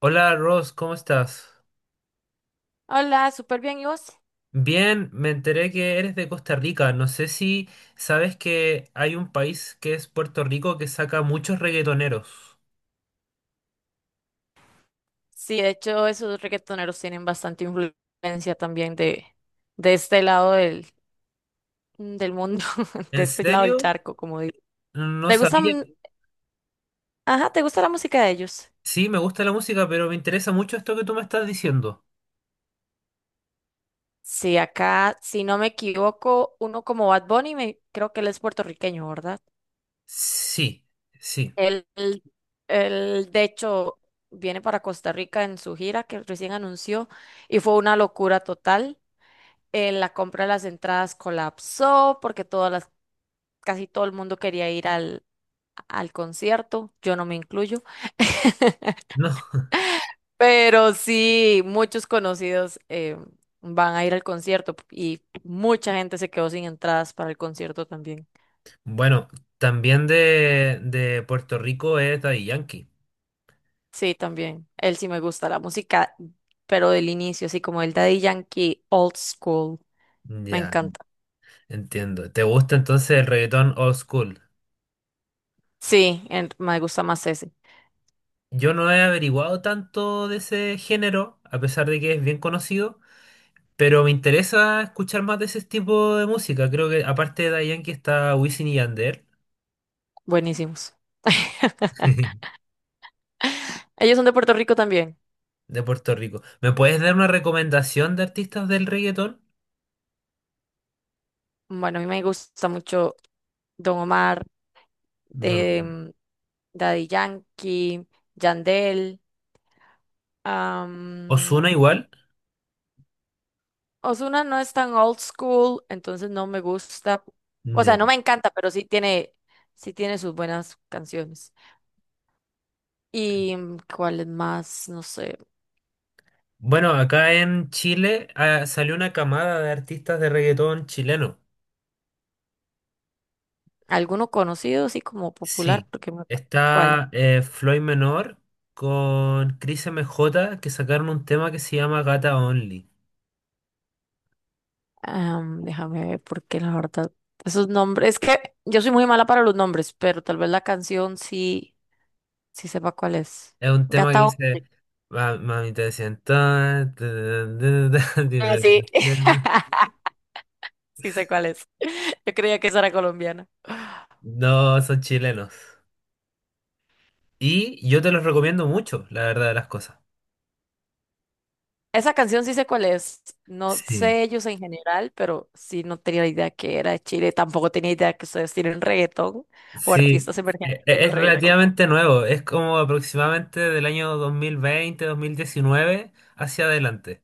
Hola, Ross, ¿cómo estás? Hola, súper bien, ¿y vos? Bien, me enteré que eres de Costa Rica. No sé si sabes que hay un país que es Puerto Rico que saca muchos reggaetoneros. Sí, de hecho, esos reggaetoneros tienen bastante influencia también de este lado del mundo, de ¿En este lado del serio? charco, como digo. No ¿Te sabía. gustan, ajá, te gusta la música de ellos? Sí, me gusta la música, pero me interesa mucho esto que tú me estás diciendo. Sí, acá, si no me equivoco, uno como Bad Bunny, me, creo que él es puertorriqueño, ¿verdad? Sí, sí. Él, él, él, de hecho, viene para Costa Rica en su gira que recién anunció y fue una locura total. La compra de las entradas colapsó porque todas las casi todo el mundo quería ir al concierto, yo no me incluyo. No. Pero sí, muchos conocidos van a ir al concierto y mucha gente se quedó sin entradas para el concierto también. Bueno, también de Puerto Rico es Daddy Yankee. Sí, también. Él sí me gusta la música, pero del inicio, así como el Daddy Yankee Old School, me Ya, encanta. entiendo. ¿Te gusta entonces el reggaetón old school? Sí, me gusta más ese. Yo no he averiguado tanto de ese género, a pesar de que es bien conocido, pero me interesa escuchar más de ese tipo de música. Creo que aparte de Daddy que está Wisin y Yandel Buenísimos. Ellos son de Puerto Rico también. de Puerto Rico. ¿Me puedes dar una recomendación de artistas del reggaetón? Bueno, a mí me gusta mucho Don Omar. Bueno, de mm, Daddy Yankee, Yandel. am, Ozuna igual. Ozuna no es tan old school, entonces no me gusta. O sea, Ya. no me encanta, pero sí tiene sus buenas canciones. ¿Y cuál es más? No sé. Bueno, acá en Chile salió una camada de artistas de reggaetón chileno. ¿Alguno conocido, así como popular? Sí, ¿Cuál? está Floyd Menor con Chris MJ que sacaron un tema que se llama Gata Only. Déjame ver, porque la verdad, esos nombres, es que yo soy muy mala para los nombres, pero tal vez sí sepa cuál es. Es un tema que Gata. dice: Once. "Ma- mami te siento, tan, tan, tan, tan, Ah, dime tu sí. tema". Sí sé cuál es. Yo creía que esa era colombiana. No, son chilenos. Y yo te los recomiendo mucho, la verdad de las cosas. Esa canción sí sé cuál es. No sé Sí, ellos en general, pero sí no tenía idea que era de Chile. Tampoco tenía idea que ustedes tienen reggaetón o sí, artistas emergentes en el es reggaetón. relativamente nuevo, es como aproximadamente del año 2020, 2019 hacia adelante.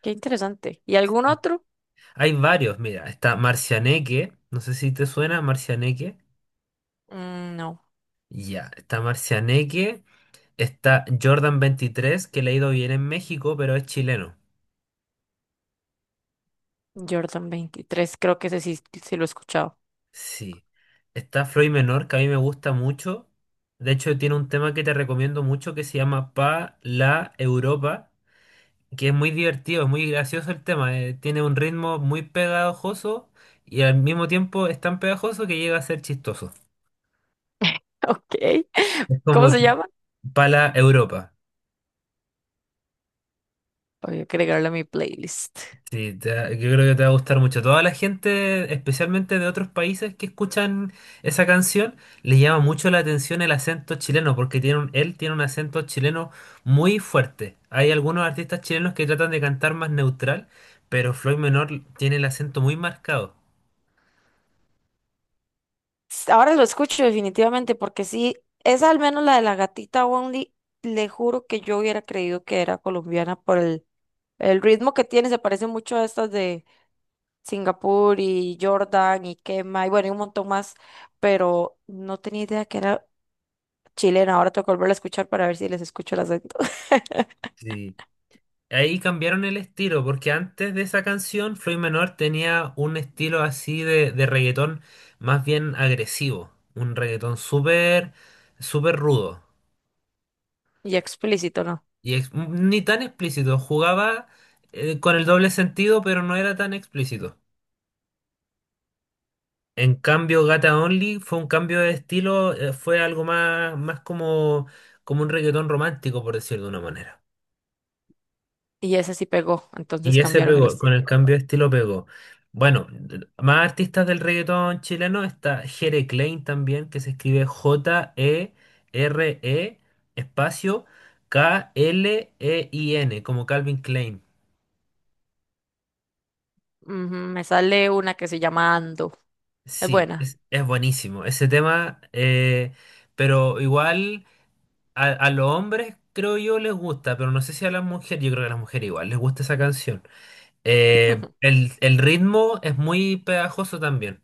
Qué interesante. ¿Y algún otro? Hay varios, mira, está Marcianeque, no sé si te suena Marcianeque. Mm, no. Ya, está Marcianeque, está Jordan 23 que le ha ido bien en México, pero es chileno. Jordan 23, creo que ese sí, sí lo he escuchado. Sí. Está Floyd Menor, que a mí me gusta mucho. De hecho, tiene un tema que te recomiendo mucho que se llama Pa la Europa, que es muy divertido, es muy gracioso el tema. Tiene un ritmo muy pegajoso y al mismo tiempo es tan pegajoso que llega a ser chistoso. Ok. Es ¿Cómo como se que llama? Pa la Europa. Voy a agregarlo a mi playlist. Sí, yo creo que te va a gustar mucho. Toda la gente, especialmente de otros países que escuchan esa canción, les llama mucho la atención el acento chileno, porque él tiene un acento chileno muy fuerte. Hay algunos artistas chilenos que tratan de cantar más neutral, pero Floyd Menor tiene el acento muy marcado. Ahora lo escucho definitivamente porque sí, esa al menos la de la gatita Only, le juro que yo hubiera creído que era colombiana por el ritmo que tiene, se parece mucho a estas de Singapur y Jordan y Kema y bueno, y un montón más, pero no tenía idea que era chilena. Ahora tengo que volverla a escuchar para ver si les escucho el acento. Sí. Ahí cambiaron el estilo, porque antes de esa canción, Floyd Menor tenía un estilo así de reggaetón más bien agresivo, un reggaetón súper, súper rudo. Y explícito, ¿no? Ni tan explícito, jugaba con el doble sentido, pero no era tan explícito. En cambio, Gata Only fue un cambio de estilo, fue algo más, más como un reggaetón romántico, por decirlo de una manera. Y ese sí pegó, entonces Y ese cambiaron el pegó, con estilo. el cambio de estilo pegó. Bueno, más artistas del reggaetón chileno está Jere Klein también, que se escribe Jere espacio Klein, como Calvin Klein. Ujú, me sale una que se llama Ando, es Sí, buena. es buenísimo ese tema, pero igual a los hombres creo yo les gusta, pero no sé si a las mujeres, yo creo que a las mujeres igual les gusta esa canción. El ritmo es muy pegajoso también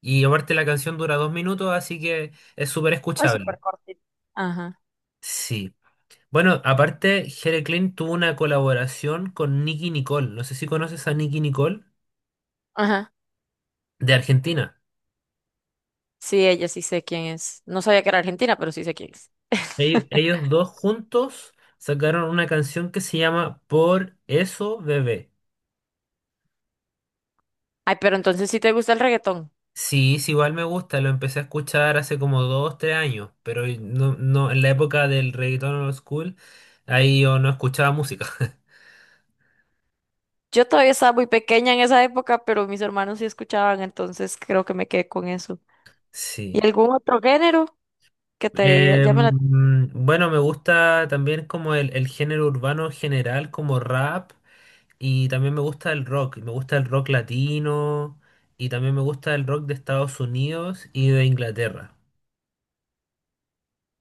y aparte la canción dura 2 minutos, así que es súper Es súper escuchable. cortita. Ajá, Sí. Bueno, aparte, Jere Klein tuvo una colaboración con Nicki Nicole, no sé si conoces a Nicki Nicole ajá. de Argentina. Sí, ella sí sé quién es. No sabía que era argentina, pero sí sé quién es. Ellos dos juntos sacaron una canción que se llama Por eso bebé. Ay, pero entonces sí te gusta el reggaetón. Sí, sí, igual me gusta, lo empecé a escuchar hace como 2, 3 años, pero no, no, en la época del reggaetón old school, ahí yo no escuchaba música. Yo todavía estaba muy pequeña en esa época, pero mis hermanos sí escuchaban, entonces creo que me quedé con eso. Sí. ¿Y algún otro género que te llame la... Em, bueno, me gusta también como el género urbano en general, como rap, y también me gusta el rock, me gusta el rock latino, y también me gusta el rock de Estados Unidos y de Inglaterra.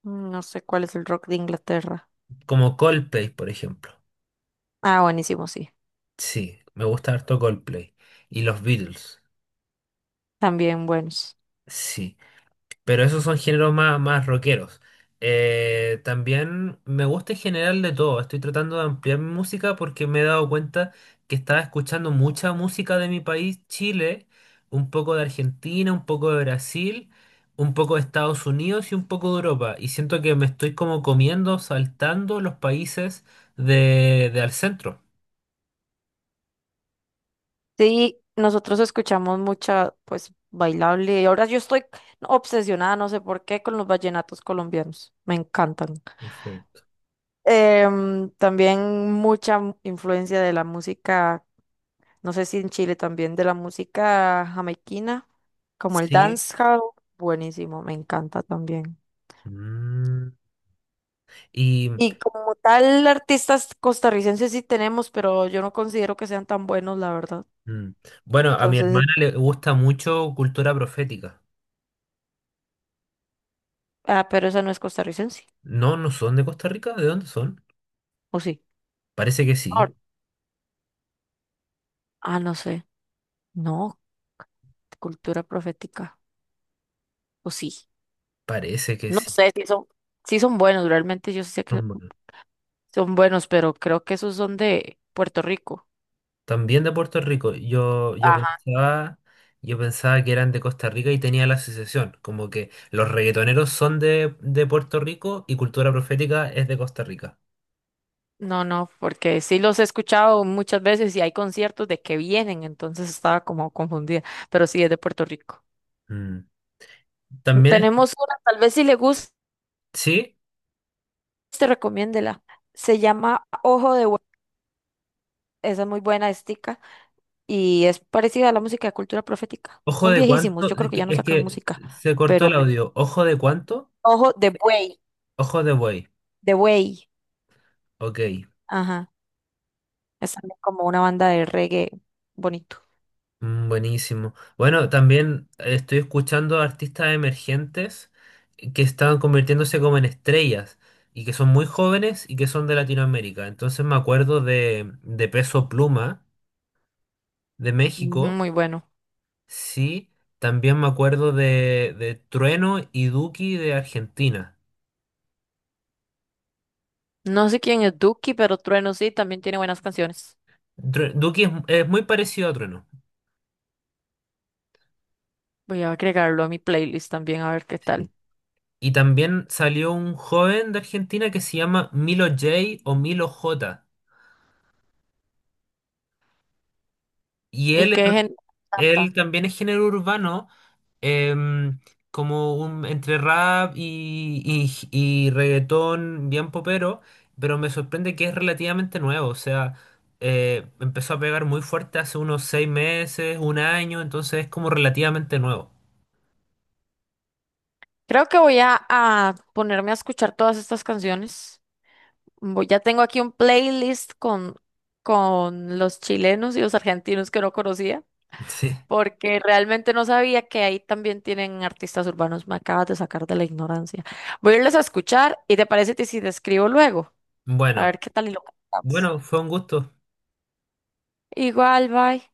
No sé cuál es el rock de Inglaterra. Como Coldplay, por ejemplo. Ah, buenísimo, sí. Sí, me gusta harto Coldplay. Y los Beatles. También buenos. Sí. Pero esos son géneros más, más rockeros. También me gusta en general de todo. Estoy tratando de ampliar mi música porque me he dado cuenta que estaba escuchando mucha música de mi país, Chile, un poco de Argentina, un poco de Brasil, un poco de Estados Unidos y un poco de Europa. Y siento que me estoy como comiendo, saltando los países de al centro. Sí, nosotros escuchamos mucha, pues, bailable. Y ahora yo estoy obsesionada, no sé por qué, con los vallenatos colombianos. Me encantan. Perfecto. También influencia de la música, no sé si en Chile también, de la música jamaiquina, como el Sí. dancehall, buenísimo, me encanta también. Mm. Y Y como tal, artistas costarricenses sí tenemos, pero yo no considero que sean tan buenos, la verdad. mm, bueno, a mi Entonces, hermana le gusta mucho cultura profética. ah, pero esa no es costarricense, No, no son de Costa Rica, ¿de dónde son? ¿o sí? Parece que sí, Ahora- Ah, no sé. No, cultura profética, ¿o sí? parece que No sí. sé si son, si son buenos, realmente yo sí sé que Son buenos. son buenos, pero creo que esos son de Puerto Rico. También de Puerto Rico. Yo, Ajá. Yo pensaba que eran de Costa Rica y tenía la asociación, como que los reggaetoneros son de Puerto Rico y cultura profética es de Costa Rica. No, no, porque sí los he escuchado muchas veces y hay conciertos de que vienen, entonces estaba como confundida, pero sí es de Puerto Rico. Mm. También, Tenemos una, tal vez si le gusta, sí, te recomiéndela. Se llama Ojo de Hue- esa es muy buena estica y es parecida a la música de cultura profética. ojo Son de viejísimos, cuánto, yo creo que ya no es sacan que música, se cortó pero el audio. Ojo de cuánto, Ojo ojo de buey. de Buey, Ok, ajá, es también como una banda de reggae bonito. Buenísimo. Bueno, también estoy escuchando artistas emergentes que están convirtiéndose como en estrellas y que son muy jóvenes y que son de Latinoamérica. Entonces me acuerdo de Peso Pluma de Ujú, México, muy bueno. sí. También me acuerdo de Trueno y Duki de Argentina. No sé quién es Duki, pero Trueno sí, también tiene buenas canciones. Duki es muy parecido a Trueno. Voy a agregarlo a mi playlist también a ver qué tal. Sí. Y también salió un joven de Argentina que se llama Milo J o Milo J. Y ¿Y él qué gente Él canta? también es género urbano, em, como entre rap y reggaetón bien popero, pero me sorprende que es relativamente nuevo, o sea, empezó a pegar muy fuerte hace unos 6 meses, un año, entonces es como relativamente nuevo. Creo que voy a ponerme a escuchar todas estas canciones. Ya tengo aquí un playlist con los chilenos y los argentinos que no conocía, Sí. porque realmente no sabía que ahí también tienen artistas urbanos. Me acabas de sacar de la ignorancia. Voy a irles a escuchar y te parece que si te escribo luego, a Bueno, ver qué tal y lo cantamos. bueno, fue un gusto. Igual, bye.